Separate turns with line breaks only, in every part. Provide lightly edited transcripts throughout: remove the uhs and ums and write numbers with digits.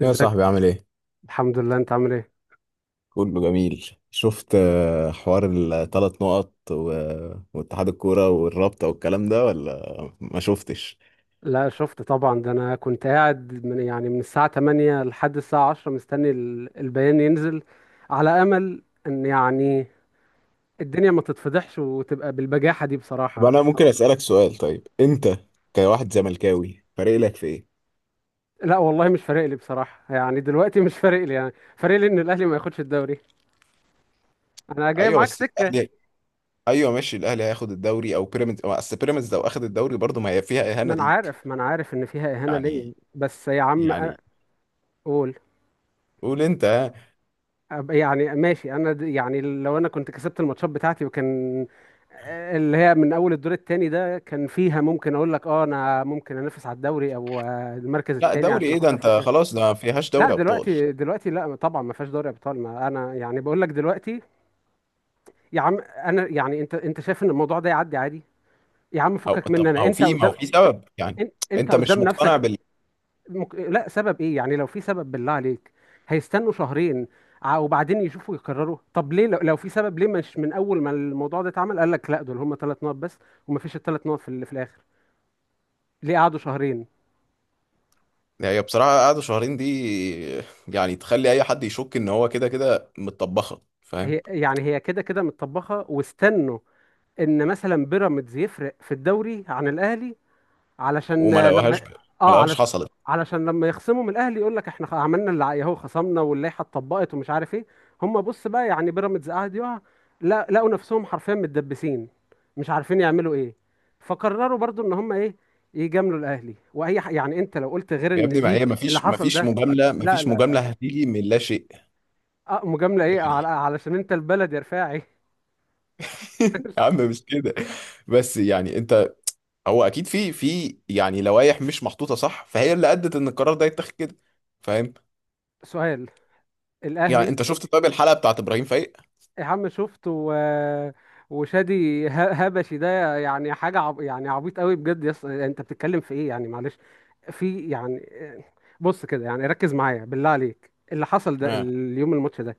يا
ازيك؟
صاحبي عامل ايه؟
الحمد لله، انت عامل ايه؟
كله جميل شفت آه، حوار الثلاث نقط واتحاد الكورة والرابطة والكلام ده ولا ما شفتش.
لا، شفت طبعا. ده انا كنت قاعد من الساعة 8 لحد الساعة 10 مستني البيان ينزل، على امل ان يعني الدنيا ما تتفضحش وتبقى بالبجاحة دي
طب
بصراحة.
انا ممكن اسألك سؤال؟ طيب انت كواحد زملكاوي فارق لك في ايه؟
لا والله، مش فارق لي بصراحة. يعني دلوقتي مش فارق لي يعني. فارق لي ان الاهلي ما ياخدش الدوري. انا جاي
ايوه
معاك
بس
سكة.
الاهلي. ايوه ماشي، الاهلي هياخد الدوري او بيراميدز، أو اصل بيراميدز لو اخد الدوري برضه ما هي فيها اهانه
ما انا
ليك.
عارف ما انا عارف ان فيها اهانة ليا،
يعني
بس يا عم
يعني
قول.
قول انت ها.
يعني ماشي، انا يعني لو انا كنت كسبت الماتشات بتاعتي، وكان اللي هي من اول الدور الثاني ده، كان فيها ممكن اقول لك اه انا ممكن انافس على الدوري، او المركز
لا
الثاني
دوري
عشان
ايه ده؟
اخش
انت
افريقيا.
خلاص، ده ما فيهاش
لا
دوري ابطال.
دلوقتي، لا طبعا ما فيهاش دوري ابطال. ما انا يعني بقول لك دلوقتي. يا عم انا يعني انت شايف ان الموضوع ده يعدي عادي؟ يا عم
أو
فكك
طب،
مني،
ما
انا
هو
انت
في ما هو
قدام.
في سبب يعني،
انت
انت مش
قدام
مقتنع.
نفسك. لا، سبب ايه يعني؟ لو في سبب بالله عليك، هيستنوا شهرين؟ وبعدين يشوفوا يكرروا؟ طب ليه لو في سبب ليه مش من اول ما الموضوع ده اتعمل قال لك لا دول هم 3 نقط بس، ومفيش الـ 3 نقط في الاخر؟ ليه قعدوا شهرين؟
يعني هي بصراحة قعدة شهرين دي يعني تخلي أي حد يشك إن هو كده كده متطبخة، فاهم؟
هي كده كده متطبخه، واستنوا ان مثلا بيراميدز يفرق في الدوري عن الاهلي.
وما
علشان لما
لقوهاش ب... ما
اه
لقوهاش
علشان،
حصلت.
علشان لما يخصموا من الاهلي يقول لك احنا عملنا اللي عليه، اهو خصمنا واللائحه اتطبقت، ومش عارف ايه. هم بص بقى، يعني بيراميدز قعد يقع، لا، لقوا نفسهم حرفيا متدبسين، مش عارفين يعملوا ايه، فقرروا برضو ان هم ايه، يجاملوا الاهلي. واي يعني انت لو قلت غير
يا
ان
ابني، ما
دي
هي ما
اللي
فيش ما
حصل
فيش
ده،
مجاملة، ما
لا
فيش
لا
مجاملة
لا.
هتيجي من لا شيء
اه، مجامله ايه
يعني.
علشان انت البلد يا رفاعي.
يا عم مش كده، بس يعني أنت، هو أكيد في يعني لوائح مش محطوطة صح، فهي اللي أدت إن القرار ده يتاخد كده، فاهم؟
سؤال،
يعني
الاهلي.
أنت شفت؟ طيب الحلقة بتاعت إبراهيم فايق
يا عم شفت وشادي هبشي، ده يعني حاجة يعني عبيط قوي بجد. انت بتتكلم في ايه يعني؟ معلش، في يعني، بص كده يعني، ركز معايا بالله عليك، اللي حصل ده
آه.
اليوم الماتش ده،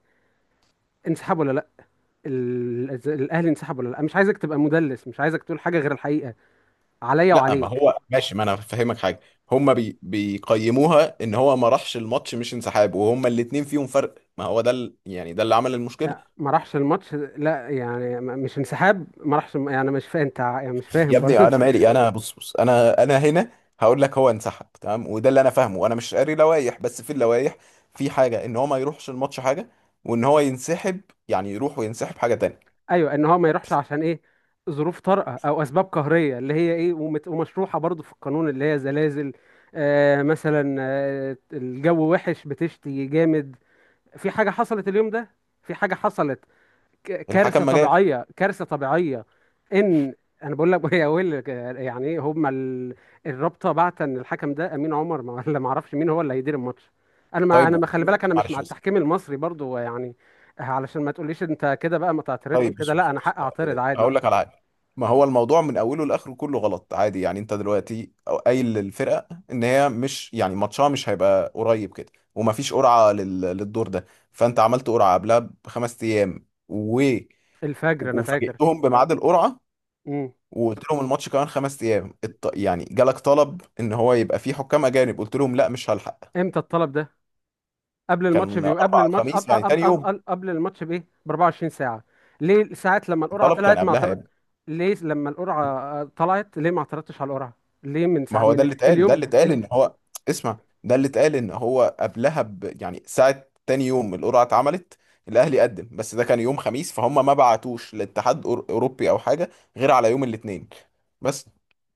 انسحاب ولا لا؟ الاهلي انسحب ولا لا؟ مش عايزك تبقى مدلس، مش عايزك تقول حاجة غير الحقيقة، عليا
لا ما
وعليك.
هو ماشي، ما انا فاهمك حاجه. هما بي بيقيموها ان هو ما راحش الماتش مش انسحاب، وهما الاتنين فيهم فرق، ما هو ده يعني ده اللي عمل المشكله.
لا، ما راحش الماتش، لا يعني مش انسحاب، ما راحش يعني؟ مش فاهم انت يعني؟ مش
يا
فاهم
ابني
برضه.
انا مالي؟ انا بص، انا هنا هقول لك. هو انسحب تمام، وده اللي انا فاهمه، انا مش قاري لوائح، بس في اللوائح في حاجه ان هو ما يروحش الماتش حاجه، وان هو ينسحب يعني يروح وينسحب حاجه تانية.
ايوه، ان هو ما يروحش عشان ايه؟ ظروف طارئه او اسباب قهريه، اللي هي ايه، ومشروحه برضو في القانون، اللي هي زلازل، مثلا، الجو وحش، بتشتي جامد، في حاجه حصلت اليوم ده، في حاجه حصلت،
الحكم
كارثه
ما جاش.
طبيعيه، كارثه طبيعيه. ان، انا بقول لك، يا ويل يعني ايه هما الرابطه بعت ان الحكم ده امين عمر ولا ما اعرفش مين هو اللي هيدير الماتش. انا ما
طيب
انا ما خلي بالك، انا مش مع
معلش.
التحكيم المصري برضو يعني. علشان ما تقوليش انت كده بقى ما تعترضش
طيب
وكده،
بص
لا
بص
انا
بص
حق اعترض عادي.
هقول لك على حاجه. ما هو الموضوع من اوله لاخره كله غلط عادي، يعني انت دلوقتي قايل للفرقه ان هي مش يعني ماتشها مش هيبقى قريب كده، ومفيش قرعه للدور ده. فانت عملت قرعه قبلها بخمس ايام
الفجر انا فاكر.
وفاجئتهم بميعاد القرعه،
امم.
وقلت لهم الماتش كمان خمس ايام يعني جالك طلب ان هو يبقى فيه حكام اجانب، قلت لهم لا مش هلحق.
امتى الطلب ده؟ قبل الماتش
كان
بيو قبل
اربعة
الماتش قبل
وخميس يعني
قبل
تاني يوم،
قبل, قبل الماتش بايه، ب 24 ساعه؟ ليه ساعات لما القرعه
الطلب كان
طلعت ما
قبلها.
اعترضت؟ ليه لما القرعه طلعت ليه ما اعترضتش على القرعه؟ ليه من
ما
ساعه
هو ده
من
اللي اتقال ده
اليوم
اللي اتقال ان هو اسمع، ده اللي اتقال ان هو قبلها يعني ساعة تاني يوم القرعة اتعملت. الاهلي قدم، بس ده كان يوم خميس، فهم ما بعتوش لاتحاد اوروبي او حاجة غير على يوم الاثنين بس.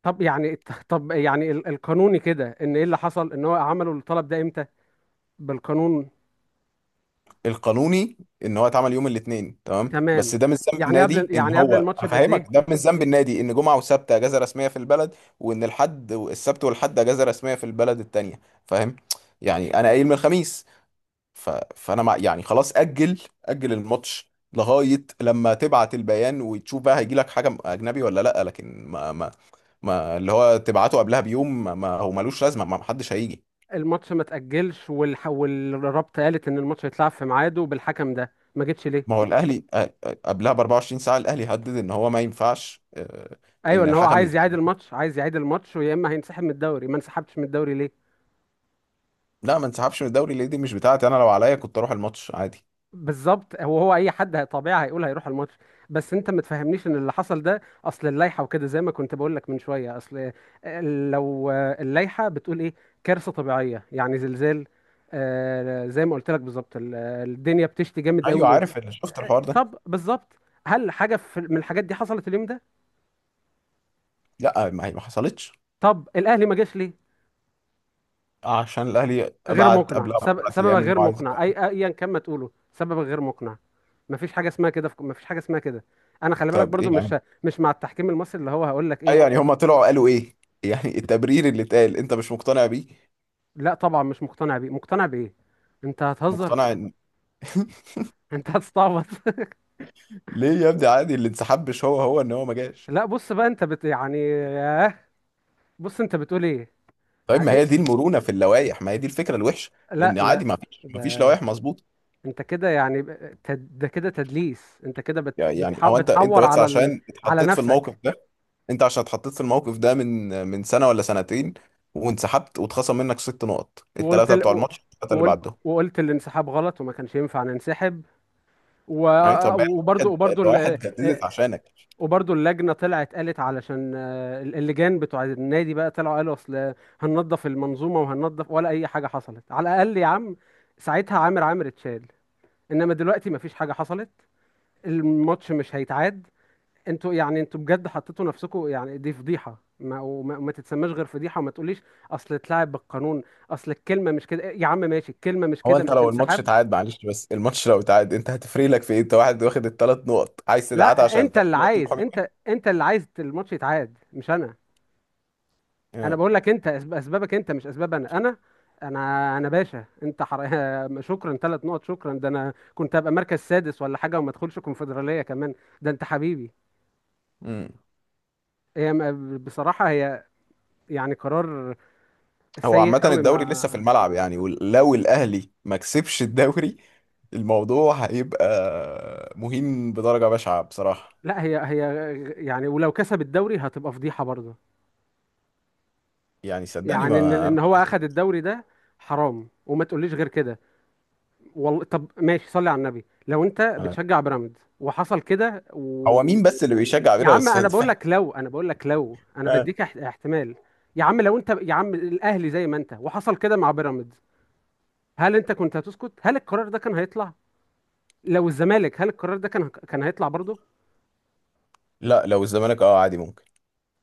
طب يعني، طب يعني القانوني كده، ان ايه اللي حصل ان هو عملوا الطلب ده امتى بالقانون؟
القانوني ان هو اتعمل يوم الاثنين تمام،
تمام.
بس ده مش ذنب
يعني قبل
النادي ان
يعني قبل
هو
الماتش بقد
هفهمك،
ايه؟
ده مش ذنب النادي ان جمعة وسبت اجازة رسمية في البلد، وان الحد السبت والحد اجازة رسمية في البلد التانية، فاهم؟ يعني انا قايل من الخميس ف... فانا مع يعني خلاص اجل اجل الماتش لغايه لما تبعت البيان وتشوف بقى هيجي لك حاجه اجنبي ولا لا، لكن ما اللي هو تبعته قبلها بيوم هو ملوش لازمه، ما حدش هيجي.
الماتش ما تأجلش، والرابطه قالت ان الماتش هيتلعب في ميعاده، بالحكم ده ما جتش ليه؟
ما هو الاهلي قبلها ب 24 ساعه الاهلي هدد ان هو ما ينفعش،
ايوه،
ان
ان هو
الحكم
عايز
يت...
يعيد الماتش، ويا اما هينسحب من الدوري، ما انسحبتش من الدوري ليه؟
لا ما انسحبش من الدوري ليه؟ دي مش بتاعتي انا، لو عليا كنت اروح الماتش عادي.
بالظبط. هو اي حد طبيعي هيقول هيروح الماتش. بس انت ما تفهمنيش ان اللي حصل ده اصل اللائحه وكده، زي ما كنت بقول لك من شويه، اصل لو اللائحه بتقول ايه؟ كارثه طبيعيه يعني زلزال، زي ما قلت لك بالظبط، الدنيا بتشتي جامد
ايوه
قوي.
عارف، اللي شفت الحوار ده.
طب بالظبط، هل حاجه في من الحاجات دي حصلت اليوم ده؟
لا ما هي ما حصلتش،
طب الاهلي ما جاش ليه؟
عشان الاهلي
غير
بعت
مقنع.
قبلها باربع
سبب
ايام انه
غير
عايز.
مقنع، اي ايا كان ما تقوله سبب غير مقنع. مفيش حاجه اسمها كده مفيش حاجه اسمها كده. انا خلي بالك
طب
برضو
ايه يعني؟
مش مع التحكيم المصري. اللي هو هقول لك ايه؟
ايوه يعني هم طلعوا قالوا ايه؟ يعني التبرير اللي اتقال انت مش مقتنع بيه؟
لا طبعا مش مقتنع بيه، مقتنع بايه؟ انت هتهزر؟
مقتنع ان
انت هتستعبط.
ليه يا ابني؟ عادي، اللي انسحب مش هو، هو ان هو ما جاش.
لا بص بقى، انت يعني ياه. بص انت بتقول ايه؟
طيب
يعني
ما هي دي
ايه؟
المرونه في اللوائح، ما هي دي الفكره الوحشه،
لا
ان
لا.
عادي ما فيش
ده
لوائح مظبوطه.
انت كده، يعني ده كده تدليس. انت كده
يعني هو انت
بتحور
بس
على
عشان
على
اتحطيت في الموقف
نفسك.
ده. انت عشان اتحطيت في الموقف ده من سنه ولا سنتين، وانسحبت واتخصم منك ست نقط،
وقلت
الثلاثه بتوع
ال...
الماتش، الثلاثه اللي
وقلت
بعدهم.
وقلت الانسحاب غلط وما كانش ينفع ننسحب.
يعني طب ما هي الواحد
وبرضو ال-
الواحد جددت
آه،
عشانك.
وبرضو اللجنة طلعت قالت، علشان اللجان بتوع النادي بقى طلعوا قالوا اصل هننظف المنظومة وهننظف، ولا أي حاجة حصلت. على الأقل يا عم ساعتها عامر عامر اتشال. إنما دلوقتي مفيش حاجة حصلت، الماتش مش هيتعاد. انتوا بجد حطيتوا نفسكم، يعني دي فضيحة، ما وما وما تتسماش غير فضيحة. وما تقوليش اصل اتلعب بالقانون، اصل الكلمة مش كده يا عم، ماشي. الكلمة مش
هو
كده،
انت
مش
لو الماتش
انسحاب.
اتعاد معلش، بس الماتش لو اتعاد انت هتفرق لك في ايه؟ انت واحد واخد الثلاث نقط عايز تتعاد
لا،
عشان
انت
الثلاث
اللي
نقط،
عايز
الحكام.
انت انت اللي عايز الماتش يتعاد، مش انا. انا بقول لك، انت اسبابك انت، مش اسباب انا. انا باشا، انت شكرا 3 نقط، شكرا. ده انا كنت هبقى مركز سادس ولا حاجه، وما ادخلش كونفدراليه كمان. ده انت حبيبي.
امم.
بصراحه، هي يعني قرار
هو
سيء
عامة
قوي. ما،
الدوري لسه في الملعب يعني، ولو الاهلي ما كسبش الدوري الموضوع هيبقى مهم بدرجة بشعة بصراحة.
لا، هي، يعني ولو كسب الدوري هتبقى فضيحه برضه.
يعني صدقني
يعني ان
ما
ان هو اخد الدوري ده حرام، وما تقوليش غير كده. والله طب ماشي، صلي على النبي لو انت
انا.
بتشجع بيراميدز وحصل كده
هو مين بس اللي بيشجع
يا عم
بيراميدز
انا
بس،
بقول
فاهم؟
لك، لو انا
آه.
بديك احتمال. يا عم لو انت يا عم الاهلي زي ما انت، وحصل كده مع بيراميدز، هل انت كنت هتسكت؟ هل القرار ده كان هيطلع؟ لو الزمالك، هل القرار ده كان هيطلع برضه؟
لا لو الزمالك اه عادي ممكن.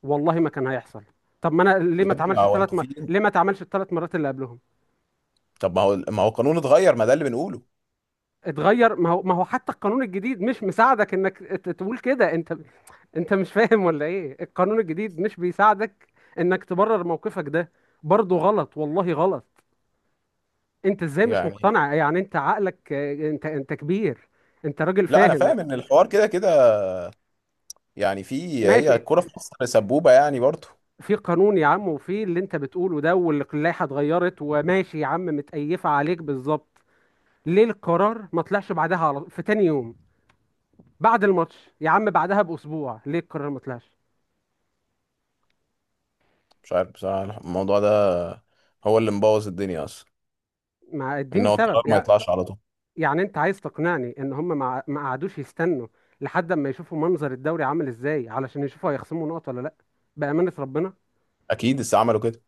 والله ما كان هيحصل. طب ما انا ليه
يا
ما
ابني ما
اتعملش
هو
الثلاث
انتوا فين؟
ليه ما اتعملش الـ 3 مرات اللي قبلهم؟
طب ما هو القانون اتغير، ما ده اللي بنقوله
اتغير، ما هو حتى القانون الجديد مش مساعدك انك تقول كده. انت انت مش فاهم ولا ايه؟ القانون الجديد مش بيساعدك انك تبرر موقفك ده. برضه غلط، والله غلط. انت ازاي مش
يعني.
مقتنع؟ يعني انت عقلك، انت كبير، انت راجل
لا انا
فاهم.
فاهم ان الحوار كده كده يعني، في هي
ماشي.
الكوره في مصر سبوبه يعني برضه.
في قانون يا عم، وفي اللي انت بتقوله ده، واللائحة اتغيرت، وماشي يا عم، متقيفة عليك بالظبط. ليه القرار ما طلعش بعدها على في تاني يوم بعد الماتش؟ يا عم بعدها بأسبوع ليه القرار ما طلعش؟
مش عارف بصراحه، الموضوع ده هو اللي مبوظ الدنيا اصلا،
ما
ان
اديني
هو القرار
سبب
ما يطلعش على طول.
يعني انت عايز تقنعني ان هم ما قعدوش يستنوا لحد اما يشوفوا منظر الدوري عامل ازاي، علشان يشوفوا هيخصموا نقط ولا لا؟ بأمانة ربنا
اكيد لسه عملوا كده.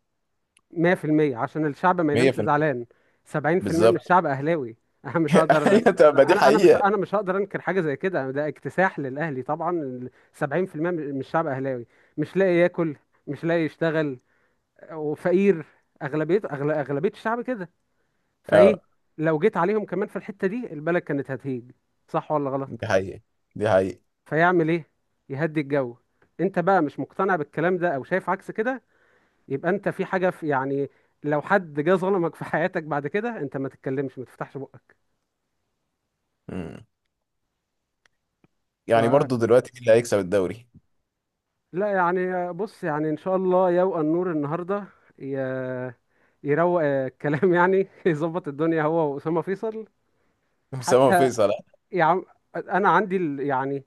100% عشان الشعب ما ينامش
100%
زعلان. 70% من
بالظبط.
الشعب اهلاوي. انا مش هقدر انا.
ايوه طب ما دي حقيقه.
انا مش هقدر انكر حاجة زي كده، ده اكتساح للاهلي طبعا. 70% من الشعب اهلاوي، مش لاقي ياكل، مش لاقي يشتغل، وفقير. اغلبية، اغلبية الشعب كده. فايه؟
اه
لو جيت عليهم كمان في الحتة دي البلد كانت هتهيج، صح ولا غلط؟
دي حقيقه، دي حقيقه.
فيعمل ايه؟ يهدي الجو. انت بقى مش مقتنع بالكلام ده او شايف عكس كده، يبقى انت في حاجة، في يعني، لو حد جه ظلمك في حياتك بعد كده انت ما تتكلمش، ما تفتحش بقك.
امم. يعني
ده-
برضه دلوقتي مين اللي هيكسب الدوري؟
لا يعني، بص يعني، ان شاء الله يوقع النور النهارده، ي- يروق الكلام، يعني يظبط الدنيا هو وأسامة فيصل.
اسامه
حتى
فيصل آه.
يا عم، انا عندي ال- يعني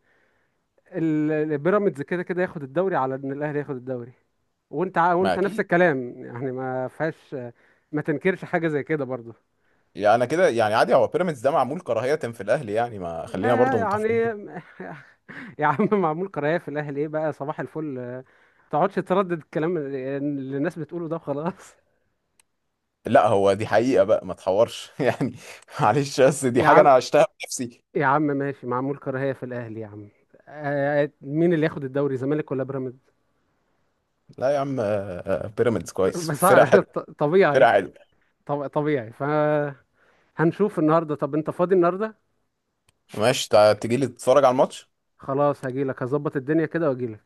ال- ال- بيراميدز كده كده ياخد الدوري على ان الاهلي ياخد الدوري. وانت
ما
وانت نفس
اكيد.
الكلام، يعني ما فيهاش، ما تنكرش حاجه زي كده برضه.
يعني انا كده يعني عادي، هو بيراميدز ده معمول كراهيه في الاهلي يعني، ما خلينا
لا
برضه
يعني،
متفقين.
يا عم، معمول قرايه في الاهلي ايه بقى؟ صباح الفل، ما تقعدش تردد الكلام اللي الناس بتقوله ده، خلاص.
لا هو دي حقيقه بقى، ما تحورش يعني. معلش بس دي
يا
حاجه
عم،
انا عشتها بنفسي.
يا عم ماشي، معمول كراهيه في الاهلي يا عم. مين اللي ياخد الدوري، زمالك ولا بيراميدز؟
لا يا عم بيراميدز كويس،
بس
فرقة حلوة،
طبيعي،
فرقة حلوة.
طبيعي، فهنشوف النهارده. طب انت فاضي النهارده؟
ماشي تجيلي تتفرج على الماتش.
خلاص هجيلك، هظبط الدنيا كده واجيلك.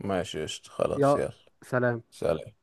ماشي قشطة، خلاص
يا
يلا.
سلام.
سلام.